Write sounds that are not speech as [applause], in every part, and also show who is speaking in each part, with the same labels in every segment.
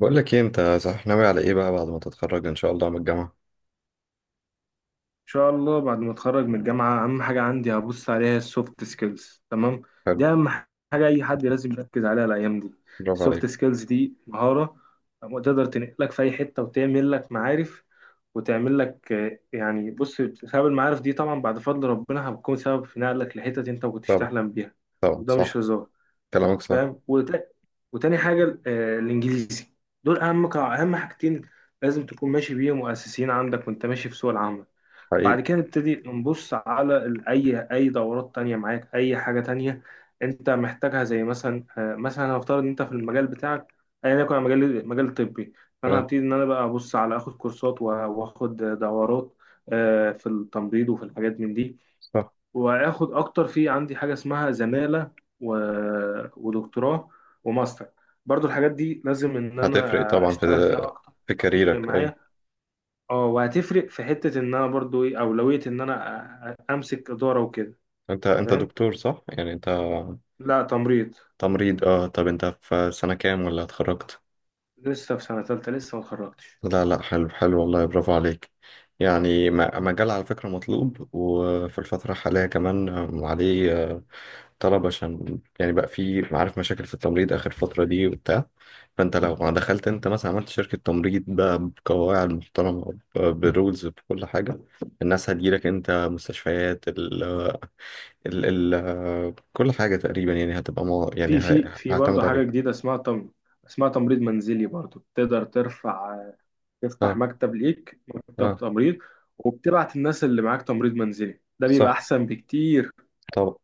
Speaker 1: بقول لك ايه، انت صح ناوي على ايه بقى بعد ما تتخرج ان شاء الله من الجامعه؟
Speaker 2: ان شاء الله بعد ما اتخرج من الجامعه اهم حاجه عندي هبص عليها السوفت سكيلز. تمام،
Speaker 1: حلو.
Speaker 2: دي اهم حاجه اي حد لازم يركز عليها الايام دي.
Speaker 1: برافو عليك.
Speaker 2: السوفت سكيلز دي مهاره تقدر تنقلك في اي حته وتعمل لك معارف، وتعمل لك يعني بص، بسبب المعارف دي طبعا بعد فضل ربنا هتكون سبب في نقلك لحتت انت ما كنتش
Speaker 1: طبعا،
Speaker 2: تحلم بيها.
Speaker 1: طبعا
Speaker 2: وده مش
Speaker 1: صح.
Speaker 2: هزار.
Speaker 1: كلامك صح.
Speaker 2: وت- وتاني حاجه الانجليزي. دول اهم اهم حاجتين لازم تكون ماشي بيهم واساسيين عندك وانت ماشي في سوق العمل. بعد
Speaker 1: حقيقي.
Speaker 2: كده نبتدي نبص على أي دورات تانية معاك، أي حاجة تانية أنت محتاجها، زي مثلا مثلا هنفترض إن أنت في المجال بتاعك، أيا يكن، مجال طبي، فأنا
Speaker 1: اه.
Speaker 2: هبتدي إن أنا بقى أبص على آخد كورسات، وآخد دورات في التمريض وفي الحاجات من دي،
Speaker 1: صح.
Speaker 2: وآخد أكتر. في عندي حاجة اسمها زمالة، ودكتوراه، وماستر، برضو الحاجات دي لازم إن
Speaker 1: هتفرق
Speaker 2: أنا
Speaker 1: طبعا في
Speaker 2: أشتغل فيها أكتر.
Speaker 1: في
Speaker 2: هتفرق
Speaker 1: كاريرك، ايوه.
Speaker 2: معايا، اه وهتفرق في حتة ان انا برضو ايه، اولوية ان انا امسك ادارة وكده.
Speaker 1: انت
Speaker 2: فاهم؟
Speaker 1: دكتور صح يعني انت؟
Speaker 2: لا تمريض.
Speaker 1: تمريض، اه. طب انت في سنه كام ولا اتخرجت؟
Speaker 2: لسه في سنة تالتة، لسه ما اتخرجتش.
Speaker 1: لا لا، حلو حلو، والله برافو عليك. يعني مجال على فكره مطلوب، وفي الفتره الحاليه كمان عليه طلب. عشان يعني بقى في، عارف، مشاكل في التمريض آخر فترة دي وبتاع. فأنت لو ما دخلت أنت مثلا عملت شركة تمريض بقى، بقواعد محترمة، برولز، بكل حاجة، الناس هتجيلك أنت. مستشفيات ال ال كل حاجة تقريبا يعني هتبقى مو يعني
Speaker 2: في في في برضو
Speaker 1: هعتمد
Speaker 2: حاجة
Speaker 1: عليك.
Speaker 2: جديدة اسمها اسمها تمريض منزلي. برضو تقدر ترفع، تفتح
Speaker 1: اه.
Speaker 2: مكتب ليك، مكتب
Speaker 1: اه.
Speaker 2: تمريض وبتبعت الناس اللي معاك. تمريض منزلي ده بيبقى
Speaker 1: صح.
Speaker 2: احسن بكتير،
Speaker 1: طب.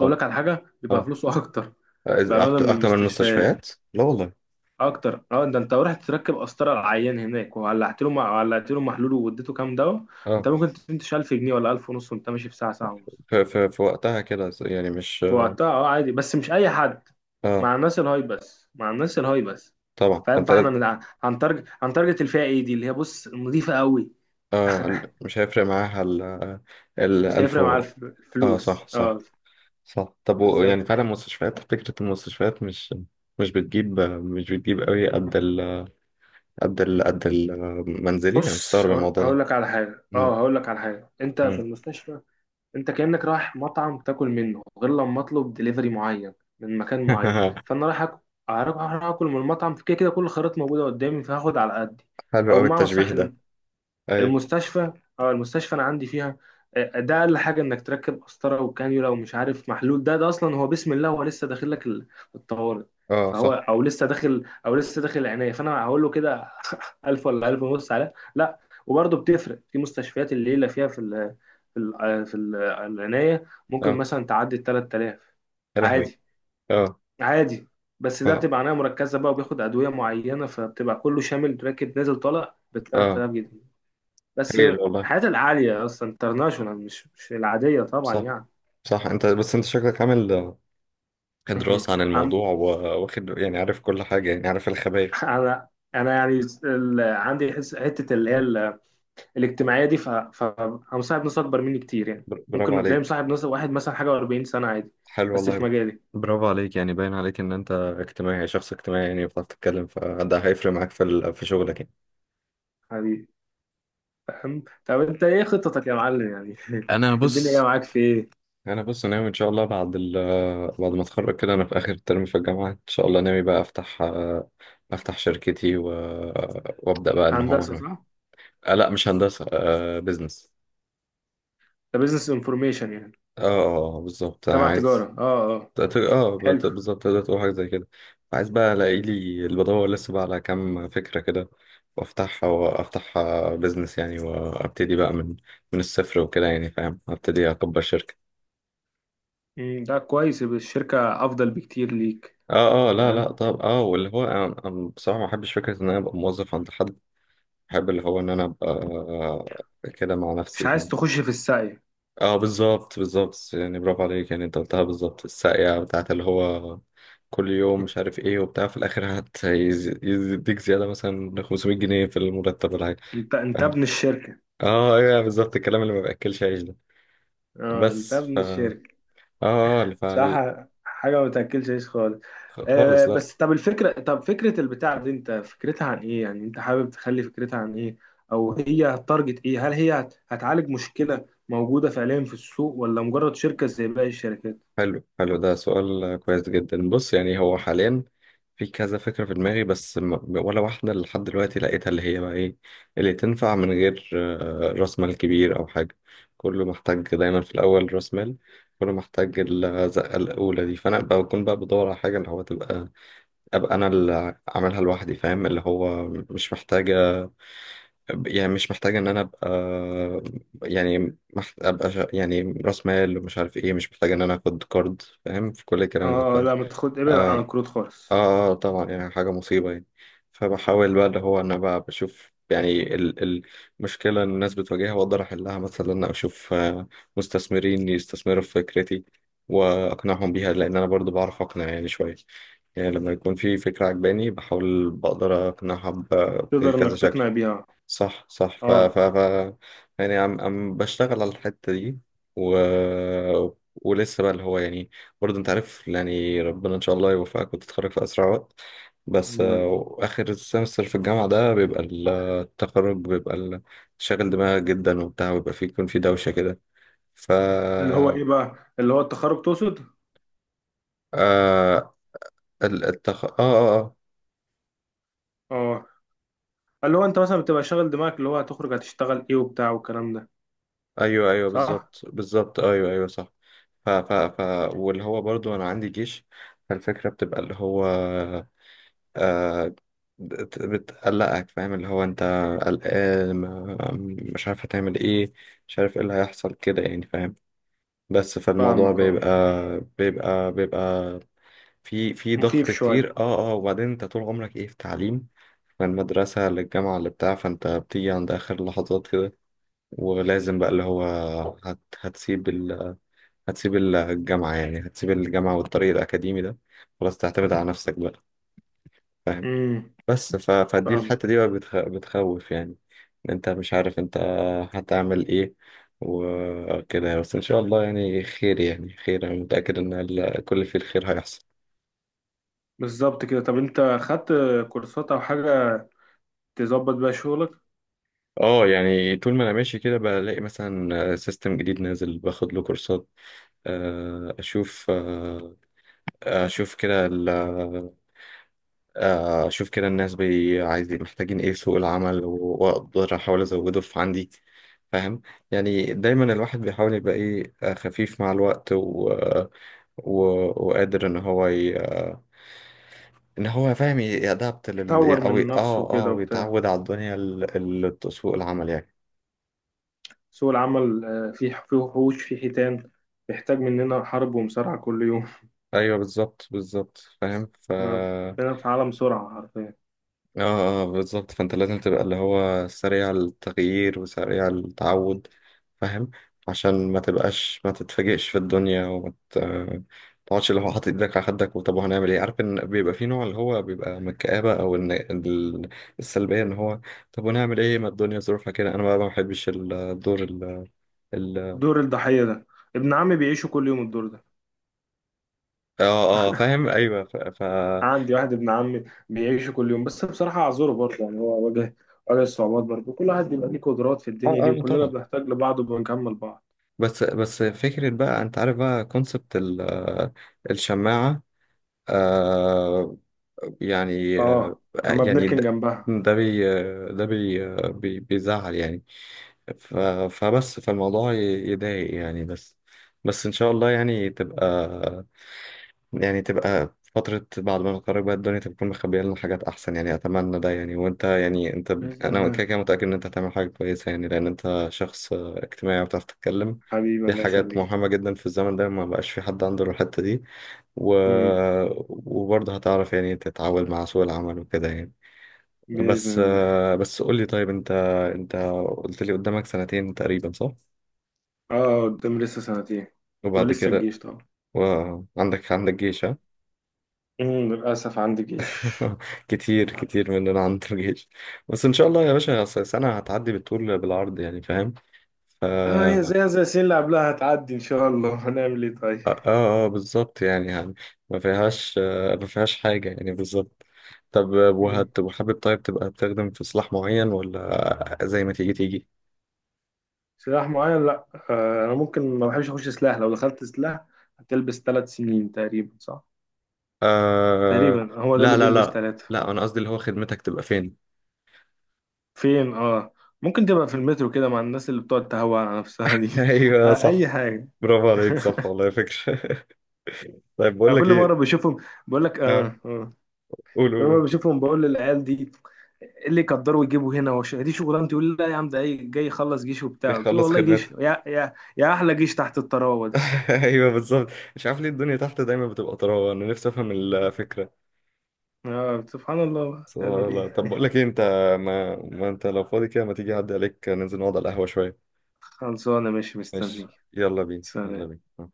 Speaker 1: طب.
Speaker 2: على حاجة بيبقى
Speaker 1: اه.
Speaker 2: فلوسه [laughs] اكتر.
Speaker 1: إذا
Speaker 2: بأمانة من
Speaker 1: أكتر من
Speaker 2: المستشفيات
Speaker 1: المستشفيات؟ لا والله.
Speaker 2: اكتر، اه. ده انت رحت تركب قسطره على العيان هناك وولعت له ولعت له محلول واديته كام دواء، انت
Speaker 1: اه.
Speaker 2: ممكن تنتش 1000 جنيه ولا 1000 ونص وانت ماشي في ساعه، ساعه ونص.
Speaker 1: في وقتها كده يعني، مش.
Speaker 2: في وقتها اه عادي، بس مش اي حد،
Speaker 1: اه.
Speaker 2: مع الناس الهاي بس، مع الناس الهاي بس.
Speaker 1: طبعا
Speaker 2: فاهم؟
Speaker 1: فانت.
Speaker 2: فاحنا هنتارجت الفئه ايه دي اللي هي بص نظيفه قوي.
Speaker 1: اه،
Speaker 2: [laughs]
Speaker 1: مش هيفرق معاها ال، ال
Speaker 2: مش
Speaker 1: ألف
Speaker 2: هيفرق معاها
Speaker 1: و... اه،
Speaker 2: الفلوس،
Speaker 1: صح صح.
Speaker 2: اه
Speaker 1: صح. طب و... يعني
Speaker 2: بالظبط.
Speaker 1: فعلا مستشفيات، فكرة المستشفيات مش، مش بتجيب قوي قد ال، قد ال، قد المنزلي. أنا
Speaker 2: بص
Speaker 1: مستغرب الموضوع ده.
Speaker 2: هقول لك على حاجه،
Speaker 1: مم.
Speaker 2: اه هقول لك على حاجه، انت في
Speaker 1: مم.
Speaker 2: المستشفى انت كأنك رايح مطعم تاكل منه، غير لما اطلب دليفري معين من مكان معين.
Speaker 1: [laughs]
Speaker 2: فانا رايح رايح اكل من المطعم، كده كده كل الخيارات موجوده قدامي فهاخد على قدي،
Speaker 1: حلو
Speaker 2: او
Speaker 1: قوي
Speaker 2: بمعنى
Speaker 1: التشبيه
Speaker 2: صح.
Speaker 1: ده. أيوة.
Speaker 2: المستشفى، اه المستشفى انا عندي فيها ده اقل حاجه انك تركب قسطره وكانيولا ومش عارف محلول، ده اصلا هو بسم الله، هو لسه داخل لك الطوارئ،
Speaker 1: اه
Speaker 2: فهو
Speaker 1: صح.
Speaker 2: او لسه داخل او لسه داخل العنايه، فانا هقول له كده [laughs] 1000 ولا 1000 ونص على لا. وبرضه بتفرق في مستشفيات، الليله فيها في ال العنايه ممكن
Speaker 1: اه
Speaker 2: مثلا تعدي ال 3000
Speaker 1: يا لهوي.
Speaker 2: عادي،
Speaker 1: اه
Speaker 2: عادي. بس ده
Speaker 1: اه
Speaker 2: بتبقى عنايه مركزه بقى وبياخد ادويه معينه، فبتبقى كله شامل راكب نازل طالع ب
Speaker 1: اه،
Speaker 2: 3000 جنيه بس.
Speaker 1: هايل والله.
Speaker 2: الحاجات العالية أصلا انترناشونال، مش العادية طبعا
Speaker 1: صح
Speaker 2: يعني.
Speaker 1: صح. انت بس انت شكلك عامل
Speaker 2: [laughs]
Speaker 1: دراسة عن
Speaker 2: عم،
Speaker 1: الموضوع، واخد، يعني عارف كل حاجة، يعني عارف الخبايا.
Speaker 2: أنا أنا يعني عندي حتة اللي هي الاجتماعية دي، أنا مصاحب ناس أكبر مني كتير يعني.
Speaker 1: برافو
Speaker 2: ممكن تلاقي
Speaker 1: عليك.
Speaker 2: مصاحب ناس واحد مثلا حاجة و40 سنة عادي،
Speaker 1: حلو
Speaker 2: بس في
Speaker 1: والله.
Speaker 2: مجالي.
Speaker 1: برافو عليك. يعني باين عليك ان انت اجتماعي، يعني شخص اجتماعي، يعني بتعرف تتكلم، فده هيفرق معاك في في شغلك يعني.
Speaker 2: حبيبي، فاهم؟ طب أنت إيه خطتك يا معلم يعني؟
Speaker 1: انا
Speaker 2: [laughs] الدنيا جاية
Speaker 1: بص.
Speaker 2: معاك في إيه؟
Speaker 1: انا بص ناوي ان شاء الله بعد ال، بعد ما اتخرج كده، انا في اخر ترم في الجامعه، ان شاء الله ناوي بقى افتح، افتح شركتي و... وابدا بقى ان هو
Speaker 2: هندسة
Speaker 1: أنا...
Speaker 2: صح؟
Speaker 1: آه لا، مش هندسه، بزنس.
Speaker 2: ده بزنس انفورميشن يعني،
Speaker 1: اه، بالظبط، انا
Speaker 2: تبع
Speaker 1: عايز.
Speaker 2: تجارة، أه أه، حلو
Speaker 1: بالظبط، تقدر تقول حاجة زي كده. عايز بقى الاقي
Speaker 2: حلو.
Speaker 1: لي اللي بدور لسه بقى على كام فكرة كده، وافتحها، وافتحها بيزنس يعني، وابتدي بقى من، من الصفر وكده يعني، فاهم، ابتدي اكبر شركة.
Speaker 2: مم، ده كويس، يبقى الشركة أفضل بكتير ليك.
Speaker 1: اه. اه. لا لا. طب اه، واللي هو أنا بصراحة ما بحبش فكرة ان انا ابقى موظف عند حد. بحب اللي هو ان انا ابقى كده مع
Speaker 2: مش
Speaker 1: نفسي،
Speaker 2: عايز
Speaker 1: فاهم.
Speaker 2: تخش في السعي.
Speaker 1: اه بالظبط، بالظبط. يعني برافو عليك، يعني انت قلتها بالظبط. الساقية بتاعت اللي هو، كل يوم مش عارف ايه وبتاع، في الاخر يديك زياده مثلا 500 جنيه في المرتب ولا حاجه.
Speaker 2: انت
Speaker 1: فاهم.
Speaker 2: ابن الشركة.
Speaker 1: اه ايوه بالظبط، الكلام اللي ما باكلش عيش ده.
Speaker 2: اه انت
Speaker 1: بس ف
Speaker 2: ابن
Speaker 1: اه،
Speaker 2: الشركة،
Speaker 1: فال...
Speaker 2: صح. حاجة ما تاكلش عيش خالص. آه
Speaker 1: خالص لا.
Speaker 2: بس، طب الفكرة، طب فكرة البتاع دي انت فكرتها عن ايه يعني؟ انت حابب تخلي فكرتها عن ايه، او هي هتارجت ايه؟ هل هي هتعالج مشكلة موجودة فعليا في السوق، ولا مجرد شركة زي باقي الشركات؟
Speaker 1: حلو حلو، ده سؤال كويس جدا. بص يعني، هو حاليا في كذا فكرة في دماغي، بس ولا واحدة لحد دلوقتي لقيتها اللي هي بقى ايه اللي تنفع من غير راس مال كبير أو حاجة. كله محتاج دايما في الأول راس مال. كله محتاج الزقة الأولى دي. فأنا بكون بقى بدور على حاجة اللي هو تبقى، أبقى أنا اللي عاملها لوحدي، فاهم، اللي هو مش محتاجة، يعني مش محتاجة إن أنا أبقى، يعني أبقى يعني رأس مال، ومش عارف إيه، مش محتاجة إن أنا آخد كارد، فاهم، في كل الكلام ده، ف.
Speaker 2: اه
Speaker 1: آه.
Speaker 2: لا ما تاخد، ابعد عن الكروت خالص.
Speaker 1: طبعا، يعني حاجة مصيبة يعني. فبحاول بقى اللي هو أنا بقى بشوف يعني ال... المشكلة اللي الناس بتواجهها وأقدر أحلها، مثلا إن أنا أشوف مستثمرين يستثمروا في فكرتي وأقنعهم بيها، لأن أنا برضو بعرف أقنع يعني شوية. يعني لما يكون في فكرة عجباني بحاول بقدر أقنعها
Speaker 2: تقدر
Speaker 1: بكذا
Speaker 2: انك
Speaker 1: شكل.
Speaker 2: تقنع بيها،
Speaker 1: صح صح. ف
Speaker 2: اه.
Speaker 1: ف ف يعني عم بشتغل على الحتة دي و... ولسه بقى اللي هو يعني، برضه انت عارف يعني ربنا ان شاء الله يوفقك وتتخرج في اسرع وقت. بس
Speaker 2: أمال.
Speaker 1: اخر السمستر في الجامعة ده بيبقى التخرج بيبقى شاغل دماغك جدا وبتاع، ويبقى فيه، يكون في دوشة كده. ف
Speaker 2: اللي هو ايه بقى، اللي هو التخرج تقصد؟
Speaker 1: آه، اه اه آه.
Speaker 2: اه، اللي هو انت مثلا بتبقى شاغل دماغك اللي هو هتخرج هتشتغل ايه وبتاع والكلام ده.
Speaker 1: ايوه ايوه
Speaker 2: صح،
Speaker 1: بالظبط، بالظبط ايوه ايوه صح. ف واللي هو برضو انا عندي جيش. فالفكره بتبقى اللي هو، آه، بتقلقك. فاهم، اللي هو انت قلقان، مش عارف هتعمل ايه، مش عارف ايه اللي هيحصل كده يعني، فاهم. بس فالموضوع
Speaker 2: فاهمك اه.
Speaker 1: بيبقى في ضغط
Speaker 2: مخيف شويه.
Speaker 1: كتير. اه اه. وبعدين انت طول عمرك ايه في تعليم، من المدرسة للجامعة اللي بتاع، فانت بتيجي عند آخر لحظات كده، ولازم بقى اللي هو هتسيب، هتسيب الجامعة، يعني هتسيب الجامعة والطريق الأكاديمي ده خلاص، تعتمد على نفسك بقى. فاهم.
Speaker 2: امم
Speaker 1: بس فدي
Speaker 2: فاهمك.
Speaker 1: الحتة دي بقى بتخوف يعني. إن أنت مش عارف أنت هتعمل إيه وكده. بس إن شاء الله يعني خير، يعني خير، أنا متأكد إن كل في الخير هيحصل.
Speaker 2: بالظبط كده. طب انت خدت كورسات او حاجه تظبط بيها شغلك؟
Speaker 1: اه. يعني طول ما انا ماشي كده بلاقي مثلا سيستم جديد نازل، باخد له كورسات. اشوف اشوف كده اشوف كده الناس بي عايزين محتاجين ايه في سوق العمل، واقدر احاول ازوده في عندي. فاهم. يعني دايما الواحد بيحاول يبقى ايه خفيف مع الوقت و... و... وقادر ان هو ي... ان هو فاهم يأدبت لل
Speaker 2: يطور
Speaker 1: او
Speaker 2: من نفسه
Speaker 1: اه اه،
Speaker 2: كده وبتاع.
Speaker 1: ويتعود على الدنيا ال... ال... سوق العمل يعني.
Speaker 2: سوق العمل فيه وحوش، فيه حيتان، بيحتاج مننا حرب ومصارعه كل يوم. [laughs]
Speaker 1: ايوه بالظبط بالظبط فاهم. ف
Speaker 2: احنا بقينا في عالم سرعه حرفيا.
Speaker 1: اه، بالظبط. فانت لازم تبقى اللي هو سريع التغيير وسريع التعود، فاهم، عشان ما تبقاش ما تتفاجئش في الدنيا، وما تقعدش اللي هو حاطط ايدك على خدك وطب هنعمل ايه. عارف ان بيبقى في نوع اللي هو بيبقى من الكآبة او ان السلبية، ان هو طب هنعمل ايه ما الدنيا ظروفها كده. انا بقى ما بحبش الدور ال، ال.
Speaker 2: دور الضحيه ده، ابن عمي بيعيشه كل يوم الدور ده.
Speaker 1: اه اه فاهم ايوه. ف، ف... اه.
Speaker 2: عندي واحد ابن عمي بيعيشه كل يوم، بس بصراحة أعذره برضه يعني، هو واجه الصعوبات برضه. كل واحد بيبقى ليه قدرات في الدنيا دي،
Speaker 1: اه
Speaker 2: وكلنا
Speaker 1: طبعا.
Speaker 2: بنحتاج لبعض وبنكمل بعض.
Speaker 1: بس بس فكرة بقى، انت عارف بقى كونسبت الشماعة. آه، يعني، آه،
Speaker 2: اه، لما
Speaker 1: يعني
Speaker 2: بنركن
Speaker 1: ده،
Speaker 2: جنبها.
Speaker 1: ده بي ده بي بي بيزعل يعني. ف- فبس، فالموضوع يضايق يعني. بس بس إن شاء الله يعني تبقى، يعني تبقى فترة بعد ما نتخرج بقى، الدنيا تكون مخبية لنا حاجات أحسن يعني، أتمنى ده يعني. وأنت يعني أنت،
Speaker 2: بإذن
Speaker 1: أنا كده
Speaker 2: الله.
Speaker 1: كده متأكد إن أنت هتعمل حاجة كويسة يعني، لأن أنت شخص اجتماعي وبتعرف تتكلم.
Speaker 2: حبيبي
Speaker 1: دي
Speaker 2: الله
Speaker 1: حاجات
Speaker 2: يخليك.
Speaker 1: مهمة جدا في الزمن ده، ما بقاش في حد عنده الحتة دي. و...
Speaker 2: مم.
Speaker 1: وبرضه هتعرف يعني تتعامل مع سوق العمل وكده يعني. بس
Speaker 2: بإذن الله.
Speaker 1: بس قول لي، طيب أنت، أنت قلت لي قدامك سنتين تقريبا صح؟
Speaker 2: اه قدام لسه سنتين،
Speaker 1: وبعد
Speaker 2: ولسه
Speaker 1: كده.
Speaker 2: الجيش طبعا.
Speaker 1: وعندك، عندك جيش، ها؟
Speaker 2: مم. للأسف عندي جيش.
Speaker 1: [laughs] كتير كتير مننا عند الجيش. بس ان شاء الله يا باشا، أصل سنة هتعدي بالطول بالعرض يعني، فاهم. ف
Speaker 2: اه،
Speaker 1: اه
Speaker 2: زي زي السنين اللي قبلها هتعدي إن شاء الله. [laughs] هنعمل إيه طيب؟
Speaker 1: اه، بالظبط يعني، يعني ما فيهاش ما فيهاش حاجة يعني، بالظبط. طب
Speaker 2: مم.
Speaker 1: وهت، وحابب طيب تبقى بتخدم في سلاح معين، ولا زي ما تيجي تيجي؟
Speaker 2: سلاح معين لا، آه أنا ممكن ما بحبش أخش سلاح. لو دخلت سلاح هتلبس 3 سنين تقريبا صح؟
Speaker 1: آه
Speaker 2: تقريبا هو ده
Speaker 1: لا
Speaker 2: اللي
Speaker 1: لا
Speaker 2: بيلبس
Speaker 1: لا
Speaker 2: ثلاثة.
Speaker 1: لا، انا قصدي اللي هو خدمتك تبقى فين.
Speaker 2: فين اه. ممكن تبقى في المترو كده مع الناس اللي بتقعد تهوى على نفسها دي.
Speaker 1: [laughs]
Speaker 2: [laughs]
Speaker 1: ايوه صح.
Speaker 2: اي حاجة.
Speaker 1: برافو عليك، صح
Speaker 2: [laughs]
Speaker 1: والله فكرة. [laughs] طيب
Speaker 2: أنا
Speaker 1: بقول لك
Speaker 2: كل مرة
Speaker 1: ايه.
Speaker 2: بشوفهم بقول لك
Speaker 1: اه
Speaker 2: اه اه.
Speaker 1: قول
Speaker 2: كل
Speaker 1: قول
Speaker 2: مرة
Speaker 1: قول.
Speaker 2: بشوفهم بقول للعيال دي إيه اللي يقدروا يجيبوا هنا، وش دي شغلانتي، يقول لي لا يا عم ده جاي يخلص جيش
Speaker 1: إيه،
Speaker 2: وبتاع. قلت له
Speaker 1: خلص
Speaker 2: والله جيش
Speaker 1: خدمتك.
Speaker 2: يا يا يا، احلى جيش تحت الطراوة ده.
Speaker 1: [laughs] ايوه بالظبط. مش عارف ليه الدنيا تحت دايما بتبقى طراوه، انا نفسي افهم الفكره.
Speaker 2: اه سبحان الله،
Speaker 1: سبحان
Speaker 2: تعمل
Speaker 1: الله.
Speaker 2: ايه؟
Speaker 1: طب بقول
Speaker 2: [laughs]
Speaker 1: لك ايه، انت ما انت لو فاضي كده، ما تيجي اعدي عليك ننزل نقعد على القهوه شويه.
Speaker 2: خلصانة، ماشي
Speaker 1: ماشي.
Speaker 2: مستني.
Speaker 1: يلا بينا يلا
Speaker 2: سلام.
Speaker 1: بينا.